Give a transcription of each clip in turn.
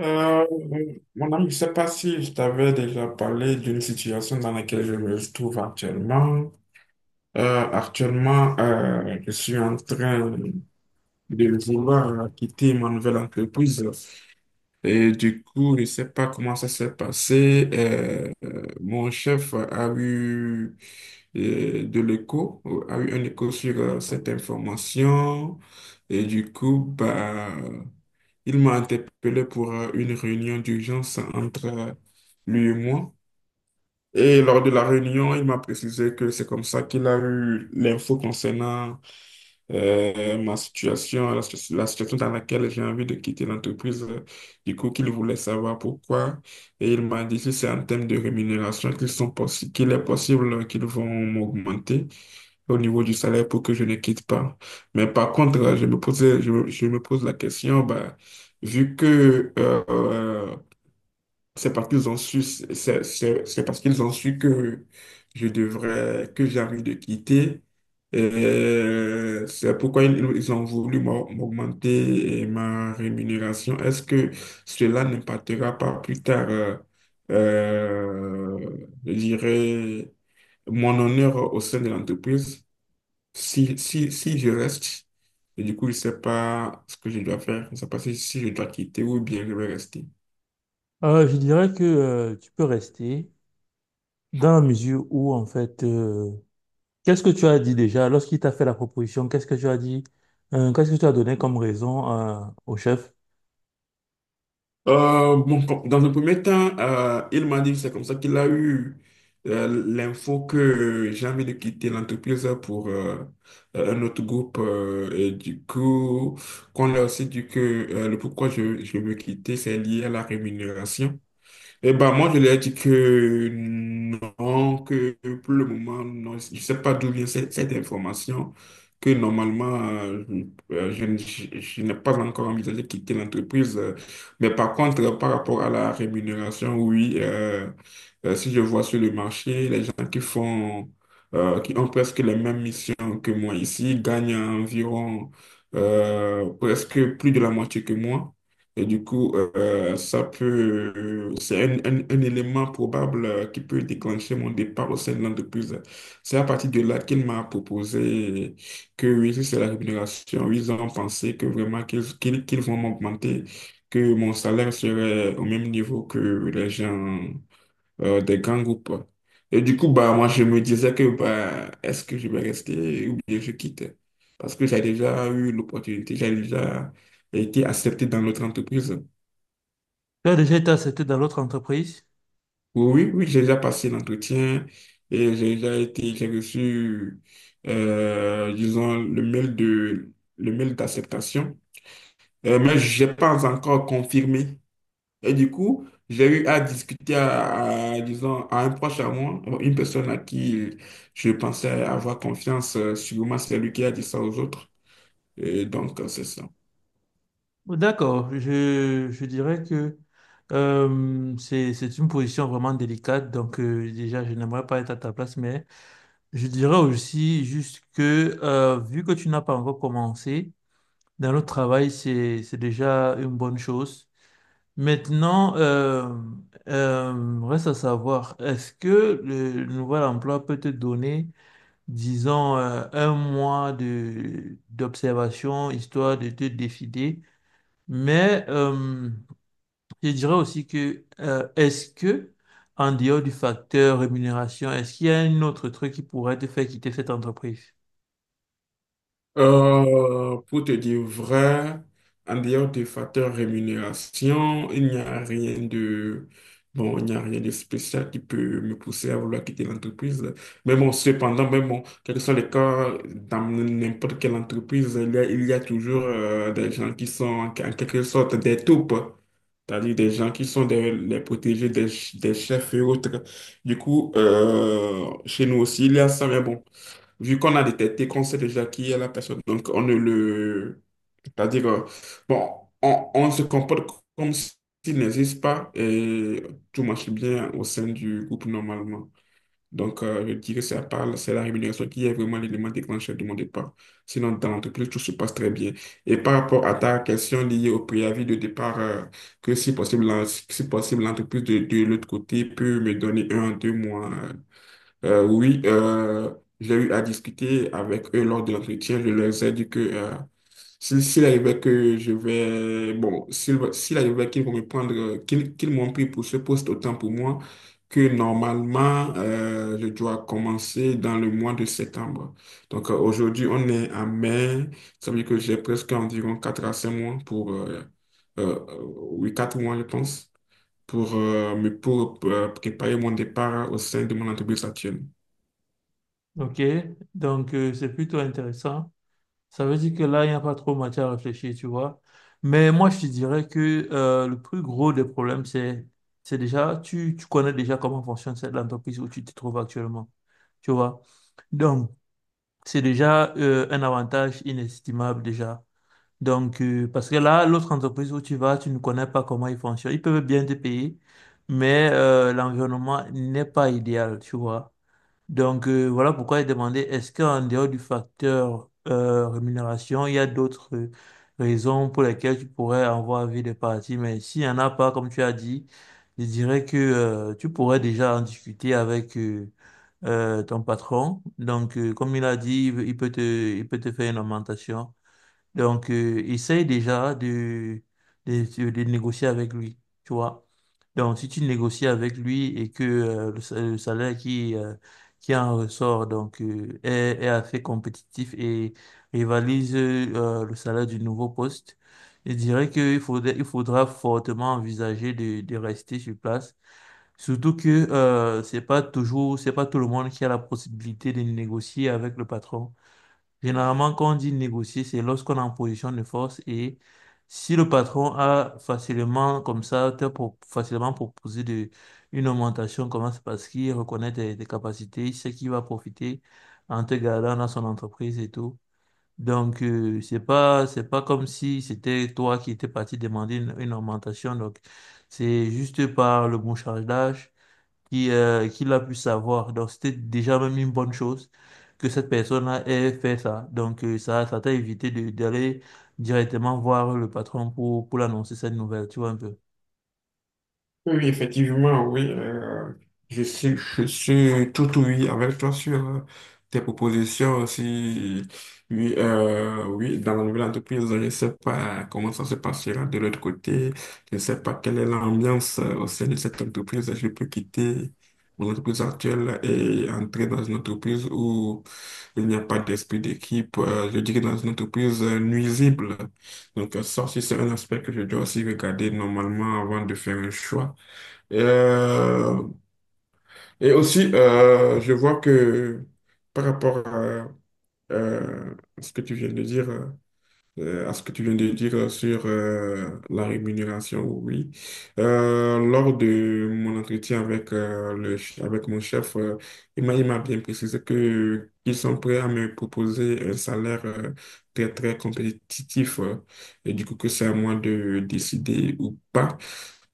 Euh, Mon ami, je ne sais pas si je t'avais déjà parlé d'une situation dans laquelle je me trouve actuellement. Actuellement, je suis en train de vouloir quitter ma nouvelle entreprise et du coup, je ne sais pas comment ça s'est passé. Mon chef a eu de l'écho, a eu un écho sur cette information. Et du coup, bah, il m'a interpellé pour une réunion d'urgence entre lui et moi. Et lors de la réunion, il m'a précisé que c'est comme ça qu'il a eu l'info concernant ma situation, la situation dans laquelle j'ai envie de quitter l'entreprise. Du coup, qu'il voulait savoir pourquoi. Et il m'a dit si c'est en termes de rémunération qu'il est possible qu'ils vont m'augmenter au niveau du salaire pour que je ne quitte pas. Mais par contre, je me pose la question, bah, vu que c'est parce qu'ils ont su, c'est parce qu'ils ont su que j'ai envie de quitter. Et c'est pourquoi ils ont voulu m'augmenter ma rémunération. Est-ce que cela n'impactera pas plus tard, je dirais, mon honneur au sein de l'entreprise? Si je reste, et du coup, je ne sais pas ce que je dois faire. Je ne sais pas si, si je dois quitter ou bien je vais rester. Je dirais que tu peux rester dans la mesure où, en fait, qu'est-ce que tu as dit déjà lorsqu'il t'a fait la proposition? Qu'est-ce que tu as dit? Qu'est-ce que tu as donné comme raison au chef? Dans un premier temps, il m'a dit que c'est comme ça qu'il a eu l'info que j'ai envie de quitter l'entreprise pour un autre groupe. Et du coup, qu'on a aussi dit que le pourquoi je veux quitter, c'est lié à la rémunération. Eh ben, moi, je leur ai dit que non, que pour le moment, non, je ne sais pas d'où vient cette information, que normalement, je n'ai pas encore envisagé de quitter l'entreprise. Mais par contre, par rapport à la rémunération, oui, si je vois sur le marché, les gens qui font, qui ont presque les mêmes missions que moi ici, gagnent environ presque plus de la moitié que moi. Et du coup, ça peut, c'est un élément probable qui peut déclencher mon départ au sein de l'entreprise. C'est à partir de là qu'il m'a proposé que oui, si c'est la rémunération, ils ont pensé que vraiment qu'ils vont m'augmenter, que mon salaire serait au même niveau que les gens des grands groupes. Et du coup, bah, moi, je me disais que bah, est-ce que je vais rester ou bien je quitte? Parce que j'ai déjà eu l'opportunité, j'ai déjà été accepté dans notre entreprise. Tu as déjà été accepté dans l'autre entreprise? Oui, oui, oui, j'ai déjà passé l'entretien et j'ai reçu, disons, le mail d'acceptation. Mais j'ai pas encore confirmé. Et du coup, j'ai eu à discuter disons, à un proche à moi, bon, une personne à qui je pensais avoir confiance, sûrement c'est lui qui a dit ça aux autres. Et donc, c'est ça. D'accord, je dirais que c'est une position vraiment délicate, donc déjà, je n'aimerais pas être à ta place, mais je dirais aussi juste que vu que tu n'as pas encore commencé dans le travail, c'est déjà une bonne chose. Maintenant, reste à savoir, est-ce que le nouvel emploi peut te donner, disons, un mois de d'observation, histoire de te décider, mais je dirais aussi que, est-ce que, en dehors du facteur rémunération, est-ce qu'il y a un autre truc qui pourrait te faire quitter cette entreprise? Pour te dire vrai, en dehors des facteurs rémunération, il n'y a rien de bon, il n'y a rien de spécial qui peut me pousser à vouloir quitter l'entreprise. Mais bon, cependant, mais bon, quel que soit le cas, dans n'importe quelle entreprise, il y a toujours des gens qui sont en en quelque sorte des taupes. C'est-à-dire des gens qui sont les protégés des chefs et autres. Du coup, chez nous aussi, il y a ça, mais bon. Vu qu'on a détecté qu'on sait déjà qui est la personne, donc on ne le... C'est-à-dire, bon, on se comporte comme s'il n'existe pas et tout marche bien au sein du groupe normalement. Donc, je dirais que c'est la rémunération qui est vraiment l'élément déclencheur de mon départ. Sinon, dans l'entreprise, tout se passe très bien. Et par rapport à ta question liée au préavis de départ, que si possible, si possible, l'entreprise de l'autre côté peut me donner un, à 2 mois oui, j'ai eu à discuter avec eux lors de l'entretien. Je leur ai dit que s'il arrivait que je vais, bon, s'il arrivait qu'ils vont me prendre, qu'ils m'ont pris pour ce poste, autant pour moi que normalement, je dois commencer dans le mois de septembre. Donc aujourd'hui, on est en mai. Ça veut dire que j'ai presque environ 4 à 5 mois pour, oui, 4 mois, je pense, pour, pour préparer mon départ au sein de mon entreprise actuelle. OK? Donc, c'est plutôt intéressant. Ça veut dire que là, il n'y a pas trop matière à réfléchir, tu vois. Mais moi, je te dirais que le plus gros des problèmes, c'est déjà, tu connais déjà comment fonctionne cette entreprise où tu te trouves actuellement, tu vois. Donc, c'est déjà un avantage inestimable déjà. Donc, parce que là, l'autre entreprise où tu vas, tu ne connais pas comment ils fonctionnent. Ils peuvent bien te payer, mais l'environnement n'est pas idéal, tu vois. Donc voilà pourquoi j'ai demandé, est-ce qu'en dehors du facteur rémunération, il y a d'autres raisons pour lesquelles tu pourrais avoir envie de partir? Mais s'il n'y en a pas, comme tu as dit, je dirais que tu pourrais déjà en discuter avec ton patron. Donc comme il a dit, il peut te faire une augmentation. Donc, essaye déjà de négocier avec lui, tu vois. Donc, si tu négocies avec lui et que le salaire qui en ressort donc, est assez compétitif et rivalise le salaire du nouveau poste, je dirais qu'il faudrait, il faudra fortement envisager de rester sur place. Surtout que c'est pas tout le monde qui a la possibilité de négocier avec le patron. Généralement, quand on dit négocier, c'est lorsqu'on est en position de force et si le patron a facilement, comme ça, facilement proposé de, une augmentation, comment c'est parce qu'il reconnaît tes capacités, il sait qu'il va profiter en te gardant dans son entreprise et tout. Donc, c'est pas comme si c'était toi qui étais parti demander une augmentation. Donc, c'est juste par le bon charge d'âge qui l'a pu savoir. Donc, c'était déjà même une bonne chose que cette personne-là ait fait ça. Donc, ça t'a évité de, d'aller directement voir le patron pour l'annoncer cette nouvelle, tu vois un peu. Oui, effectivement, oui. Je suis, je suis tout oui avec toi sur tes propositions aussi. Oui, oui, dans la nouvelle entreprise, je ne sais pas comment ça se passera de l'autre côté. Je ne sais pas quelle est l'ambiance au sein de cette entreprise. Je peux quitter mon entreprise actuelle et entrer dans une entreprise où il n'y a pas d'esprit d'équipe. Je dirais dans une entreprise nuisible. Donc, ça aussi, c'est un aspect que je dois aussi regarder normalement avant de faire un choix. Et, Euh, et aussi, je vois que par rapport à, euh, ce que tu viens de dire, à ce que tu viens de dire sur la rémunération, oui. Lors de mon entretien avec, avec mon chef, il m'a bien précisé que qu'ils sont prêts à me proposer un salaire très, très compétitif. Et du coup, que c'est à moi de décider ou pas.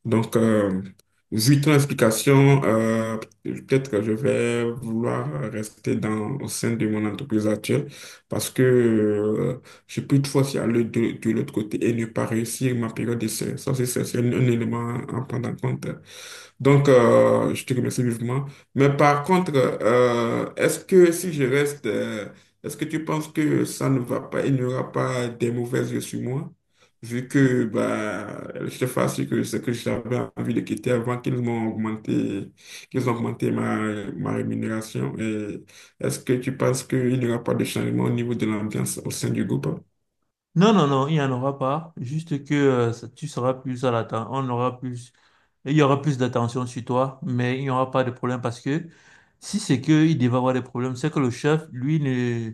Donc, vu ton explication, peut-être que je vais vouloir rester au sein de mon entreprise actuelle parce que je peux toutefois y aller de l'autre côté et ne pas réussir ma période d'essai. Ça, c'est un élément à prendre en compte. Donc, je te remercie vivement. Mais par contre, est-ce que si je reste, est-ce que tu penses que ça ne va pas, il n'y aura pas des mauvais yeux sur moi? Vu que bah, je te fasse que c'est que j'avais envie de quitter avant qu'ils ont augmenté ma rémunération. Et est-ce que tu penses qu'il n'y aura pas de changement au niveau de l'ambiance au sein du groupe? Non, non, non, il n'y en aura pas. Juste que ça- tu seras plus à l'attente. On aura plus Il y aura plus d'attention sur toi, mais il n'y aura pas de problème parce que si c'est qu'il devait avoir des problèmes, c'est que le chef, lui,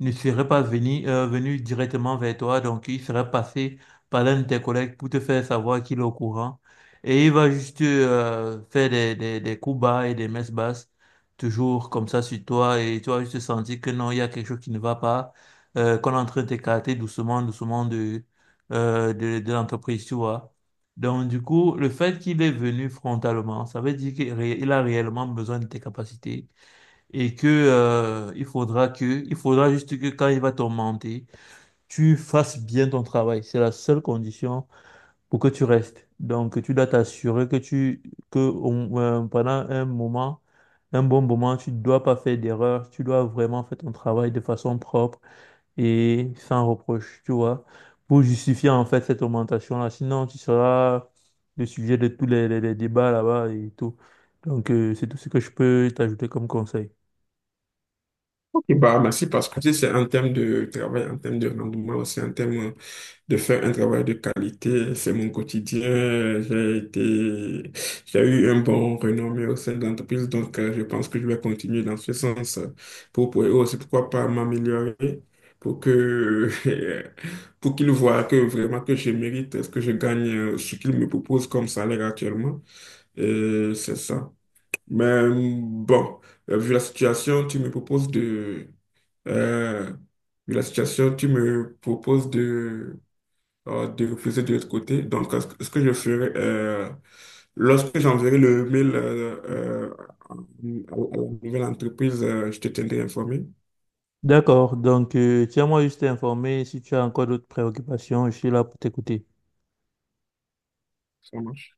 ne serait pas venu, venu directement vers toi, donc il serait passé par l'un de tes collègues pour te faire savoir qu'il est au courant. Et il va juste faire des coups bas et des messes basses, toujours comme ça sur toi, et tu vas juste sentir que non, il y a quelque chose qui ne va pas, qu'on est en train d'écarter doucement, doucement de l'entreprise, tu vois. Donc, du coup, le fait qu'il est venu frontalement, ça veut dire il a réellement besoin de tes capacités et que, il faudra juste que quand il va t'augmenter, tu fasses bien ton travail. C'est la seule condition pour que tu restes. Donc, tu dois t'assurer pendant un bon moment, tu ne dois pas faire d'erreur. Tu dois vraiment faire ton travail de façon propre et sans reproche, tu vois, pour justifier en fait cette augmentation-là. Sinon, tu seras le sujet de tous les débats là-bas et tout. Donc, c'est tout ce que je peux t'ajouter comme conseil. Et bah, merci parce que tu sais, c'est un thème de travail, un thème de rendement, c'est un thème de faire un travail de qualité. C'est mon quotidien. J'ai eu un bon renommé au sein de l'entreprise, donc je pense que je vais continuer dans ce sens pour aussi, pourquoi pas m'améliorer pour que, pour qu'ils voient que vraiment que je mérite ce que je gagne, ce qu'ils me proposent comme salaire actuellement. Et c'est ça. Mais bon, vu la situation, tu me proposes de... euh, vu la situation, tu me proposes de refuser de l'autre côté. Donc, ce que je ferai, lorsque j'enverrai le mail euh, à la nouvelle entreprise, je te tiendrai informé. D'accord, donc tiens-moi juste informé si tu as encore d'autres préoccupations, je suis là pour t'écouter. Ça marche.